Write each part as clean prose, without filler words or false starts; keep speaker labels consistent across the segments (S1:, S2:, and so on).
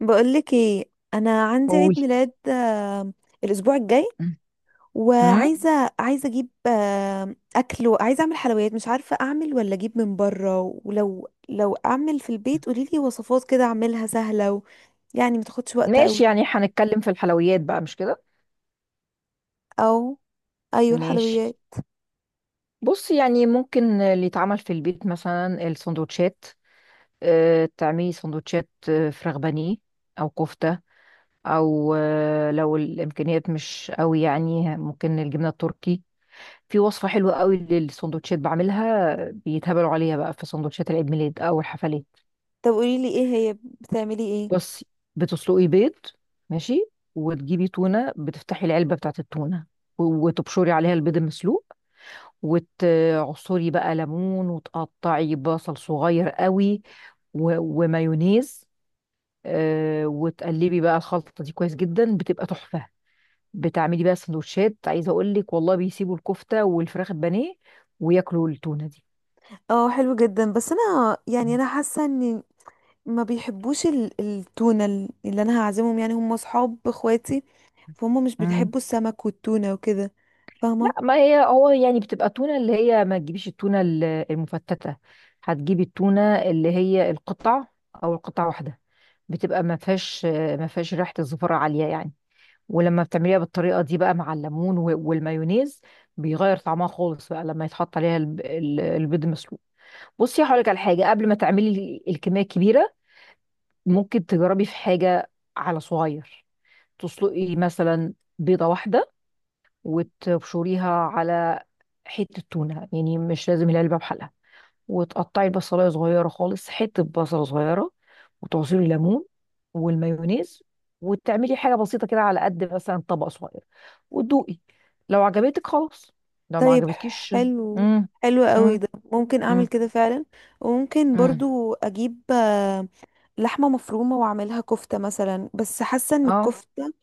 S1: بقولك ايه، انا عندي
S2: قول.
S1: عيد ميلاد الاسبوع الجاي.
S2: امم.
S1: وعايزه اجيب اكل، وعايزه اعمل حلويات. مش عارفه اعمل ولا اجيب من بره، ولو اعمل في البيت قوليلي وصفات كده اعملها سهله يعني ما تاخدش وقت قوي.
S2: ماشي، يعني هنتكلم في الحلويات بقى، مش كده؟
S1: او ايوه،
S2: ماشي.
S1: الحلويات.
S2: بص، يعني ممكن اللي يتعمل في البيت مثلا السندوتشات. اه، تعملي سندوتشات فراخ بانيه، او كفتة، او لو الامكانيات مش قوي يعني ممكن الجبنة التركي. في وصفة حلوة قوي للسندوتشات بعملها بيتهبلوا عليها بقى في سندوتشات العيد ميلاد او الحفلات.
S1: طب قوليلي ايه هي بتعملي ايه؟
S2: بصي، بتسلقي بيض. ماشي، وتجيبي تونة، بتفتحي العلبة بتاعت التونة، وتبشري عليها البيض المسلوق، وتعصري بقى ليمون، وتقطعي بصل صغير قوي، ومايونيز. وتقلبي بقى الخلطة دي كويس جدا، بتبقى تحفة. بتعملي بقى سندوتشات، عايزة اقول لك والله بيسيبوا الكفتة والفراخ البانيه وياكلوا التونة دي.
S1: اه، حلو جدا. بس انا يعني انا حاسه ان ما بيحبوش التونة، اللي انا هعزمهم يعني هم اصحاب اخواتي، فهم مش
S2: مم.
S1: بيحبوا السمك والتونة وكده.
S2: لا،
S1: فاهمة.
S2: ما هي هو يعني بتبقى تونة، اللي هي ما تجيبيش التونة المفتتة، هتجيبي التونة اللي هي القطع، او القطع واحدة، بتبقى ما فيهاش، ما فيهاش ريحة الزفرة عالية يعني. ولما بتعمليها بالطريقة دي بقى، مع الليمون والمايونيز، بيغير طعمها خالص بقى لما يتحط عليها البيض مسلوق. بصي، هقولك على حاجة قبل ما تعملي الكمية الكبيرة، ممكن تجربي في حاجة على صغير، تسلقي مثلا بيضة واحدة، وتبشريها على حتة تونة، يعني مش لازم العلبة بحالها، وتقطعي البصلاية صغيرة خالص، حتة بصلة صغيرة، وتعصري ليمون، والمايونيز، وتعملي حاجة بسيطة كده على قد مثلا طبق صغير، وتدوقي. لو عجبتك خلاص، لو ما
S1: طيب
S2: عجبتكيش.
S1: حلو.
S2: امم.
S1: حلو قوي
S2: امم.
S1: ده، ممكن اعمل
S2: امم.
S1: كده فعلا. وممكن
S2: امم.
S1: برضو اجيب لحمة مفرومة واعملها كفتة مثلا. بس حاسة ان
S2: اه.
S1: الكفتة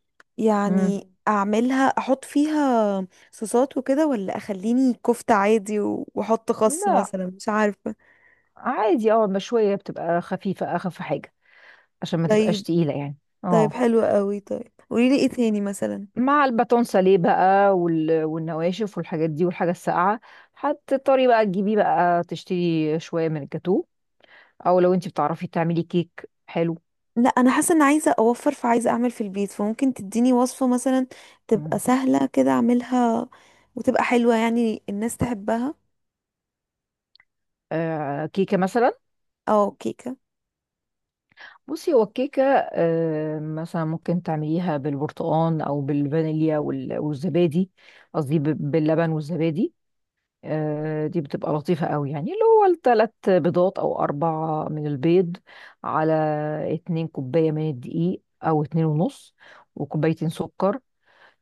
S2: امم.
S1: يعني اعملها احط فيها صوصات وكده، ولا اخليني كفتة عادي واحط خس
S2: لا،
S1: مثلا، مش عارفة.
S2: عادي، اه المشوية بتبقى خفيفة، أخف حاجة، عشان ما تبقاش
S1: طيب.
S2: تقيلة يعني.
S1: طيب
S2: اه.
S1: حلو قوي. طيب قوليلي ايه تاني مثلا.
S2: مع الباتون ساليه بقى والنواشف والحاجات دي والحاجة الساقعة، هتضطري بقى تجيبيه، بقى تشتري شوية من الجاتو، أو لو انتي بتعرفي تعملي كيك حلو.
S1: لا، انا حاسه ان عايزه اوفر، فعايزه اعمل في البيت، فممكن تديني وصفه مثلا تبقى
S2: مم.
S1: سهله كده اعملها وتبقى حلوه يعني الناس تحبها.
S2: آه، كيكة مثلا.
S1: او كيكه.
S2: بصي، هو الكيكة آه مثلا ممكن تعمليها بالبرتقال أو بالفانيليا والزبادي، قصدي باللبن والزبادي. دي بتبقى لطيفة قوي، يعني اللي هو التلات بيضات أو أربعة من البيض، على اتنين كوباية من الدقيق أو اتنين ونص، وكوبايتين سكر.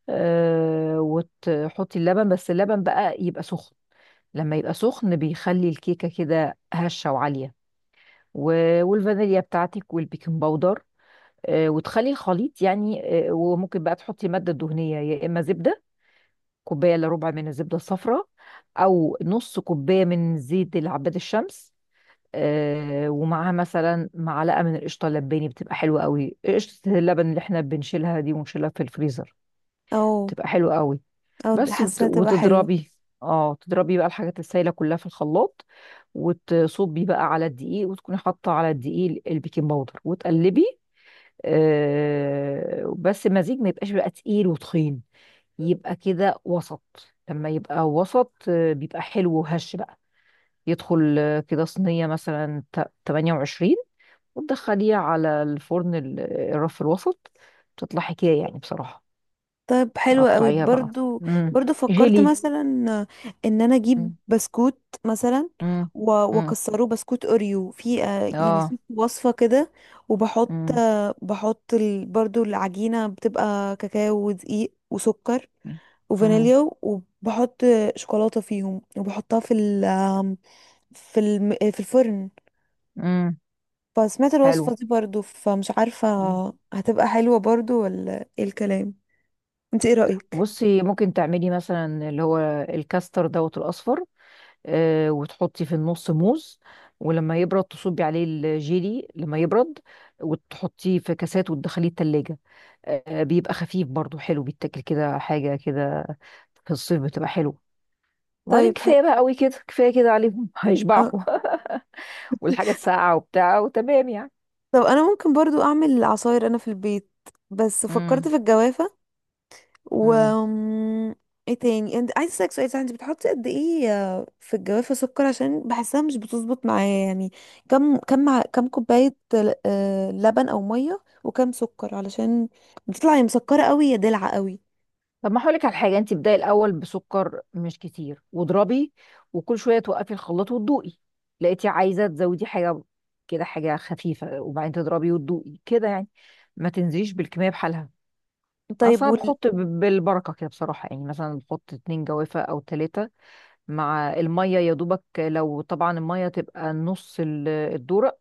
S2: وتحطي اللبن، بس اللبن بقى يبقى سخن، لما يبقى سخن بيخلي الكيكة كده هشة وعالية، والفانيليا بتاعتك والبيكنج باودر. وتخلي الخليط يعني. وممكن بقى تحطي مادة دهنية، يا إما زبدة، كوبايه الا ربع من الزبده الصفراء، او نص كوبايه من زيت العباد الشمس. آه، ومعاها مثلا معلقه من القشطه اللباني بتبقى حلوه قوي، قشطه اللبن اللي احنا بنشيلها دي ونشيلها في الفريزر،
S1: او
S2: بتبقى حلوه قوي. بس
S1: حاسه تبقى حلوه.
S2: وتضربي، اه تضربي بقى الحاجات السايله كلها في الخلاط، وتصبي بقى على الدقيق، وتكوني حاطه على الدقيق البيكنج باودر، وتقلبي. آه، بس المزيج ما يبقاش بقى تقيل وتخين، يبقى كده وسط، لما يبقى وسط بيبقى حلو وهش بقى، يدخل كده صينية مثلا 28، وتدخليها على الفرن الرف الوسط، تطلع حكاية يعني بصراحة.
S1: طيب حلوة قوي
S2: قطعيها بقى.
S1: برضو.
S2: مم.
S1: برضو فكرت
S2: جيلي.
S1: مثلا ان انا اجيب
S2: مم.
S1: بسكوت مثلا
S2: مم. مم.
S1: واكسره بسكوت اوريو، في يعني
S2: اه.
S1: في وصفه كده. وبحط
S2: مم.
S1: آه، بحط برضو العجينه بتبقى كاكاو ودقيق وسكر
S2: مم. مم.
S1: وفانيليا. وبحط شوكولاتة فيهم، وبحطها في في الفرن.
S2: مم.
S1: فسمعت
S2: حلو.
S1: الوصفة دي برضو، فمش عارفة
S2: مم.
S1: هتبقى حلوة برضو ولا ايه الكلام؟ انت ايه رأيك؟
S2: بصي، ممكن تعملي مثلا اللي هو الكاستر دوت الأصفر. وتحطي في النص موز، ولما يبرد تصبي عليه الجيلي، لما يبرد وتحطيه في كاسات وتدخليه التلاجة. بيبقى خفيف برضو حلو، بيتاكل كده حاجة كده في الصيف، بتبقى حلوة. وبعدين
S1: طيب حق.
S2: كفاية بقى قوي كده، كفاية كده عليهم
S1: أه.
S2: هيشبعوا. والحاجة الساقعة وبتاع وتمام يعني.
S1: طب انا ممكن برضو اعمل عصاير انا في البيت. بس فكرت في الجوافة و
S2: امم.
S1: ايه تاني. انت عايز اسالك سؤال، صح، انت بتحطي قد ايه في الجوافه سكر؟ عشان بحسها مش بتظبط معايا يعني. كم كوبايه لبن او ميه، وكم سكر، علشان بتطلع يا مسكره قوي يا دلعه قوي.
S2: طب، ما هقولك على حاجه، انت ابداي الاول بسكر مش كتير واضربي، وكل شويه توقفي الخلاط وتدوقي، لقيتي عايزه تزودي حاجه كده حاجه خفيفه، وبعدين تضربي وتدوقي كده يعني، ما تنزليش بالكميه بحالها.
S1: طيب
S2: اصلا بحط بالبركه كده بصراحه، يعني مثلا بحط اتنين جوافه او تلاته، مع الميه يا دوبك، لو طبعا الميه تبقى نص الدورق،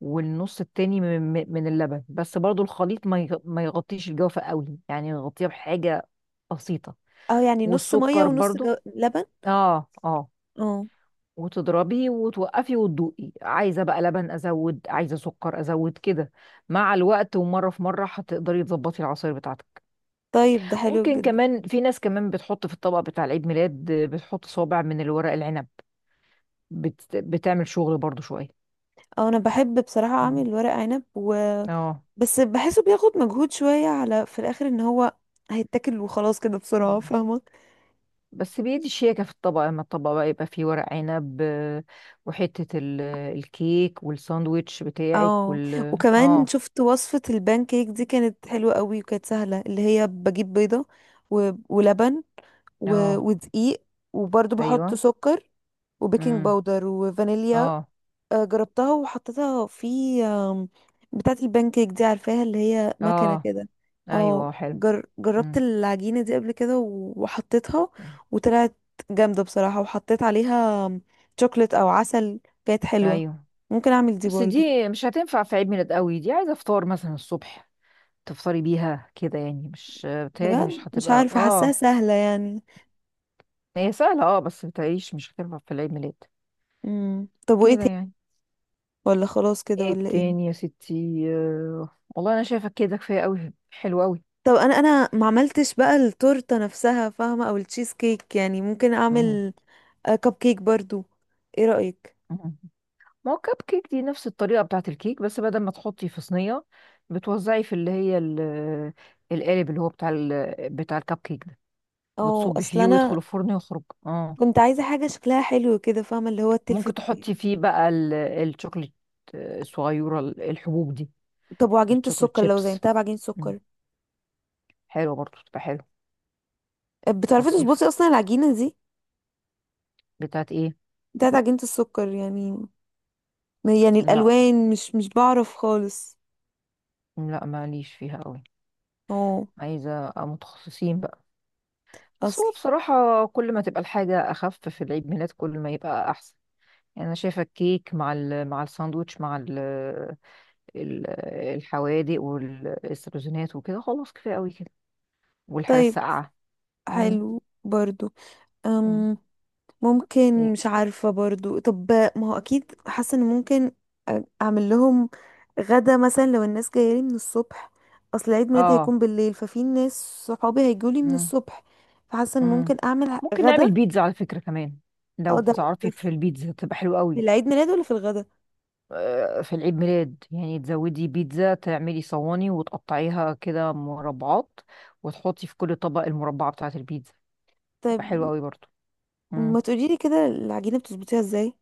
S2: والنص التاني من اللبن، بس برضو الخليط ما يغطيش الجوافه قوي، يعني يغطيها بحاجه بسيطه،
S1: اه يعني نص ميه
S2: والسكر
S1: ونص
S2: برضو.
S1: لبن.
S2: اه، اه،
S1: اه
S2: وتضربي وتوقفي وتدوقي، عايزه بقى لبن ازود، عايزه سكر ازود كده، مع الوقت، ومره في مره هتقدري تظبطي العصير بتاعتك.
S1: طيب ده حلو
S2: ممكن
S1: جدا.
S2: كمان، في ناس كمان بتحط في الطبق بتاع العيد ميلاد بتحط صوابع من الورق العنب، بتعمل شغل برضو شويه.
S1: اه، انا بحب بصراحه اعمل
S2: مم.
S1: ورق عنب،
S2: اه.
S1: بس بحسه بياخد مجهود شويه، على في الاخر ان هو هيتاكل وخلاص كده بسرعه،
S2: مم.
S1: فاهمه.
S2: بس بيدي شياكة في الطبق، لما الطبق بقى يبقى فيه ورق عنب وحتة الكيك والساندويتش بتاعك
S1: اه.
S2: وال
S1: وكمان
S2: اه.
S1: شفت وصفة البان كيك دي، كانت حلوة قوي وكانت سهلة. اللي هي بجيب بيضة ولبن
S2: اه.
S1: ودقيق، وبرضو بحط
S2: ايوه.
S1: سكر وبيكنج
S2: امم.
S1: باودر وفانيليا.
S2: اه.
S1: جربتها وحطيتها في آم، بتاعة البان كيك دي، عارفاها، اللي هي مكنة
S2: اه.
S1: كده.
S2: ايوه،
S1: اه.
S2: حلو.
S1: جربت
S2: امم.
S1: العجينة دي قبل كده وحطيتها، وطلعت جامدة بصراحة. وحطيت عليها شوكليت او عسل، كانت حلوة.
S2: ايوه،
S1: ممكن اعمل دي
S2: بس
S1: برضو.
S2: دي مش هتنفع في عيد ميلاد قوي، دي عايزه فطار مثلا الصبح تفطري بيها كده يعني، مش بتهيألي
S1: بجد
S2: مش
S1: مش
S2: هتبقى.
S1: عارفة، حاساها
S2: اه،
S1: سهلة يعني.
S2: هي سهله اه، بس بتعيش مش هتنفع في العيد ميلاد
S1: طب وايه
S2: كده
S1: تاني؟
S2: يعني.
S1: ولا خلاص كده
S2: ايه
S1: ولا ايه؟
S2: تاني يا ستي والله انا شايفه كده كفايه قوي، حلو قوي.
S1: طب انا ما عملتش بقى التورتة نفسها، فاهمة، او التشيز كيك. يعني ممكن
S2: مم.
S1: اعمل كب كيك برضو. ايه رأيك؟
S2: مم. ما هو كب كيك دي نفس الطريقه بتاعت الكيك، بس بدل ما تحطي في صينيه بتوزعي في اللي هي القالب اللي هو بتاع بتاع الكب كيك،
S1: او
S2: بتصبي
S1: اصل
S2: فيه ويدخل
S1: انا
S2: الفرن ويخرج. اه،
S1: كنت عايزة حاجة شكلها حلو كده، فاهمة، اللي هو
S2: ممكن
S1: تلفت.
S2: تحطي فيه بقى الشوكليت الصغيرة الحبوب دي،
S1: طب وعجينة
S2: الشوكليت
S1: السكر، لو
S2: شيبس.
S1: زينتها بعجينة
S2: مم.
S1: سكر.
S2: حلوة برضو، تبقى حلوة
S1: بتعرفي
S2: لطيفة.
S1: تظبطي اصلا العجينة دي،
S2: بتاعت ايه؟
S1: بتاعت عجينة السكر يعني. يعني
S2: لا،
S1: الالوان مش بعرف خالص.
S2: لا ماليش فيها قوي،
S1: اه.
S2: عايزة أبقى متخصصين بقى. بس
S1: اصل.
S2: هو بصراحة كل ما تبقى الحاجة أخف في العيد ميلاد كل ما يبقى أحسن، يعني أنا شايفة الكيك مع ال مع الساندوتش مع ال ال- الحوادق والسبزونات وكده خلاص كفاية قوي كده، والحاجة
S1: طيب
S2: الساقعة. مم.
S1: حلو برضو. أم
S2: مم.
S1: ممكن مش عارفة برضو. طب ما هو أكيد حاسة إن ممكن أعمل لهم غدا مثلا لو الناس جاية لي من الصبح. أصل عيد ميلادي
S2: اه.
S1: هيكون بالليل، ففي ناس صحابي هيجوا لي من
S2: مم.
S1: الصبح، فحاسة إن
S2: مم.
S1: ممكن أعمل
S2: ممكن
S1: غدا.
S2: نعمل بيتزا على فكرة كمان، لو
S1: أو ده
S2: بتعرفي، في البيتزا تبقى حلوة
S1: في
S2: قوي.
S1: العيد ميلاد ولا في الغدا؟
S2: في العيد ميلاد يعني تزودي بيتزا، تعملي صواني وتقطعيها كده مربعات، وتحطي في كل طبق المربعة بتاعة البيتزا،
S1: طب
S2: تبقى حلوة قوي برضو. مم.
S1: ما تقوليلي كده العجينة بتظبطيها إزاي،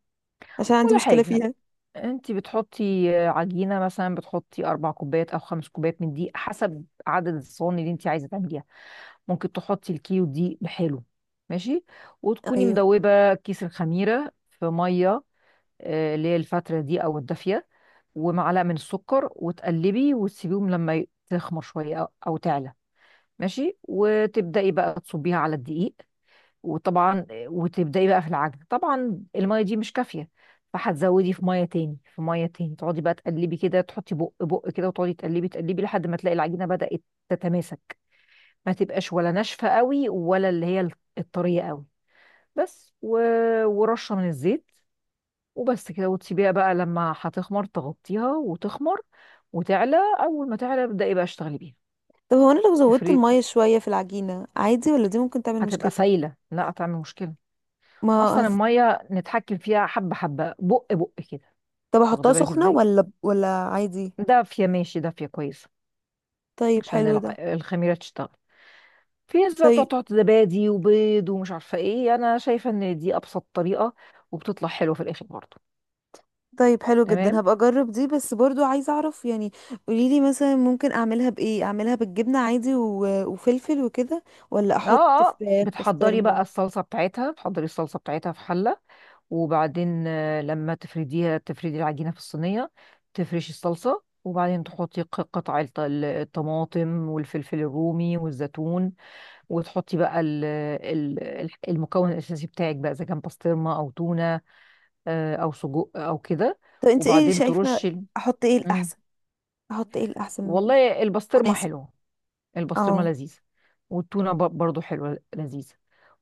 S1: عشان عندي
S2: ولا
S1: مشكلة
S2: حاجة،
S1: فيها.
S2: انت بتحطي عجينة مثلا، بتحطي أربع كوبايات أو خمس كوبايات من دقيق حسب عدد الصواني اللي انت عايزة تعمليها، ممكن تحطي الكيو دي بحاله. ماشي، وتكوني
S1: أيوه.
S2: مدوبة كيس الخميرة في مية، اللي هي الفترة دي أو الدافية، ومعلقة من السكر وتقلبي وتسيبيهم لما تخمر شوية أو أو تعلى. ماشي، وتبدأي بقى تصبيها على الدقيق وطبعا، وتبدأي بقى في العجن، طبعا المية دي مش كافية، فهتزودي في مية تاني في مية تاني، تقعدي بقى تقلبي كده تحطي بق بق كده، وتقعدي تقلبي تقلبي لحد ما تلاقي العجينة بدأت تتماسك، ما تبقاش ولا ناشفة قوي ولا اللي هي الطرية قوي. بس ورشة من الزيت، وبس كده، وتسيبيها بقى لما هتخمر، تغطيها وتخمر وتعلى، اول ما تعلى ابدأي بقى اشتغلي بيها.
S1: طب هو أنا لو زودت
S2: تفريد.
S1: المية شوية في العجينة عادي، ولا دي ممكن تعمل
S2: هتبقى
S1: مشكلة؟
S2: سايلة، لا هتعمل مشكلة،
S1: ما
S2: اصلا
S1: هت...
S2: المية نتحكم فيها حبة حبة بق بق كده.
S1: طب
S2: واخدة
S1: أحطها
S2: بالك
S1: سخنة
S2: ازاي؟
S1: ولا عادي؟
S2: دافية، ماشي دافية كويسة،
S1: طيب
S2: عشان
S1: حلو ده.
S2: الخميرة تشتغل. في ناس بقى بتقعد
S1: طيب.
S2: تحط زبادي وبيض ومش عارفة ايه، انا شايفة ان دي ابسط طريقة، وبتطلع حلوة في الاخر برضه.
S1: طيب حلو جدا،
S2: تمام.
S1: هبقى اجرب دي. بس برضو عايزه اعرف يعني، قوليلي مثلا ممكن اعملها بايه؟ اعملها بالجبنه عادي وفلفل وكده، ولا
S2: اه،
S1: احط
S2: اه،
S1: فراخ
S2: بتحضري بقى
S1: بسطرمه؟
S2: الصلصه بتاعتها، بتحضري الصلصه بتاعتها في حله، وبعدين لما تفرديها تفردي العجينه في الصينيه، تفرشي الصلصه، وبعدين تحطي قطع الطماطم والفلفل الرومي والزيتون، وتحطي بقى المكون الاساسي بتاعك بقى، اذا كان بسطرمه او تونه، او سجق او كده.
S1: طب انت ايه
S2: وبعدين ترشي
S1: شايفه؟ احط ايه
S2: مم.
S1: الاحسن؟ احط ايه الاحسن؟
S2: والله البسطرمه
S1: مناسب.
S2: حلوه، البسطرمه
S1: اه.
S2: لذيذه، والتونه برضو حلوه لذيذه،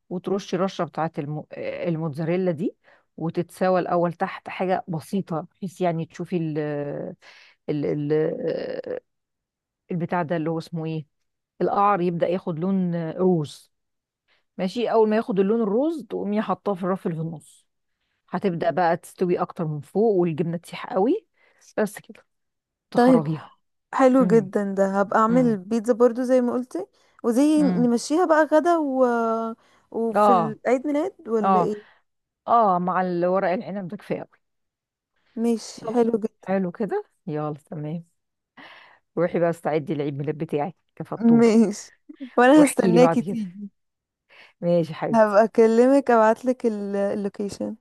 S2: وترشي رشه بتاعه الموتزاريلا دي، وتتساوى الاول تحت حاجه بسيطه، بحيث يعني تشوفي ال... ال... البتاع ده اللي هو اسمه ايه، القعر يبدا ياخد لون روز، ماشي اول ما ياخد اللون الروز تقومي حاطاه في الرف اللي في النص، هتبدا بقى تستوي اكتر من فوق، والجبنه تسيح قوي، بس كده،
S1: طيب
S2: تخرجيها.
S1: حلو
S2: امم.
S1: جدا ده، هبقى اعمل
S2: امم.
S1: البيتزا برضو زي ما قلتي. وزي
S2: امم.
S1: نمشيها بقى غدا وفي
S2: اه.
S1: العيد ميلاد ولا
S2: اه.
S1: ايه.
S2: اه، مع الورق العنب ده كفايه قوي.
S1: ماشي
S2: يلا،
S1: حلو جدا.
S2: حلو كده، يلا تمام، روحي بقى استعدي العيد ميلاد بتاعك كفطومة.
S1: ماشي. وانا
S2: واحكي لي
S1: هستناكي
S2: بعد كده،
S1: تيجي.
S2: ماشي يا حبيبتي،
S1: هبقى اكلمك، ابعتلك اللوكيشن.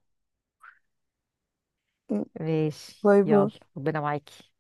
S2: ماشي
S1: باي باي.
S2: يلا، ربنا معاكي.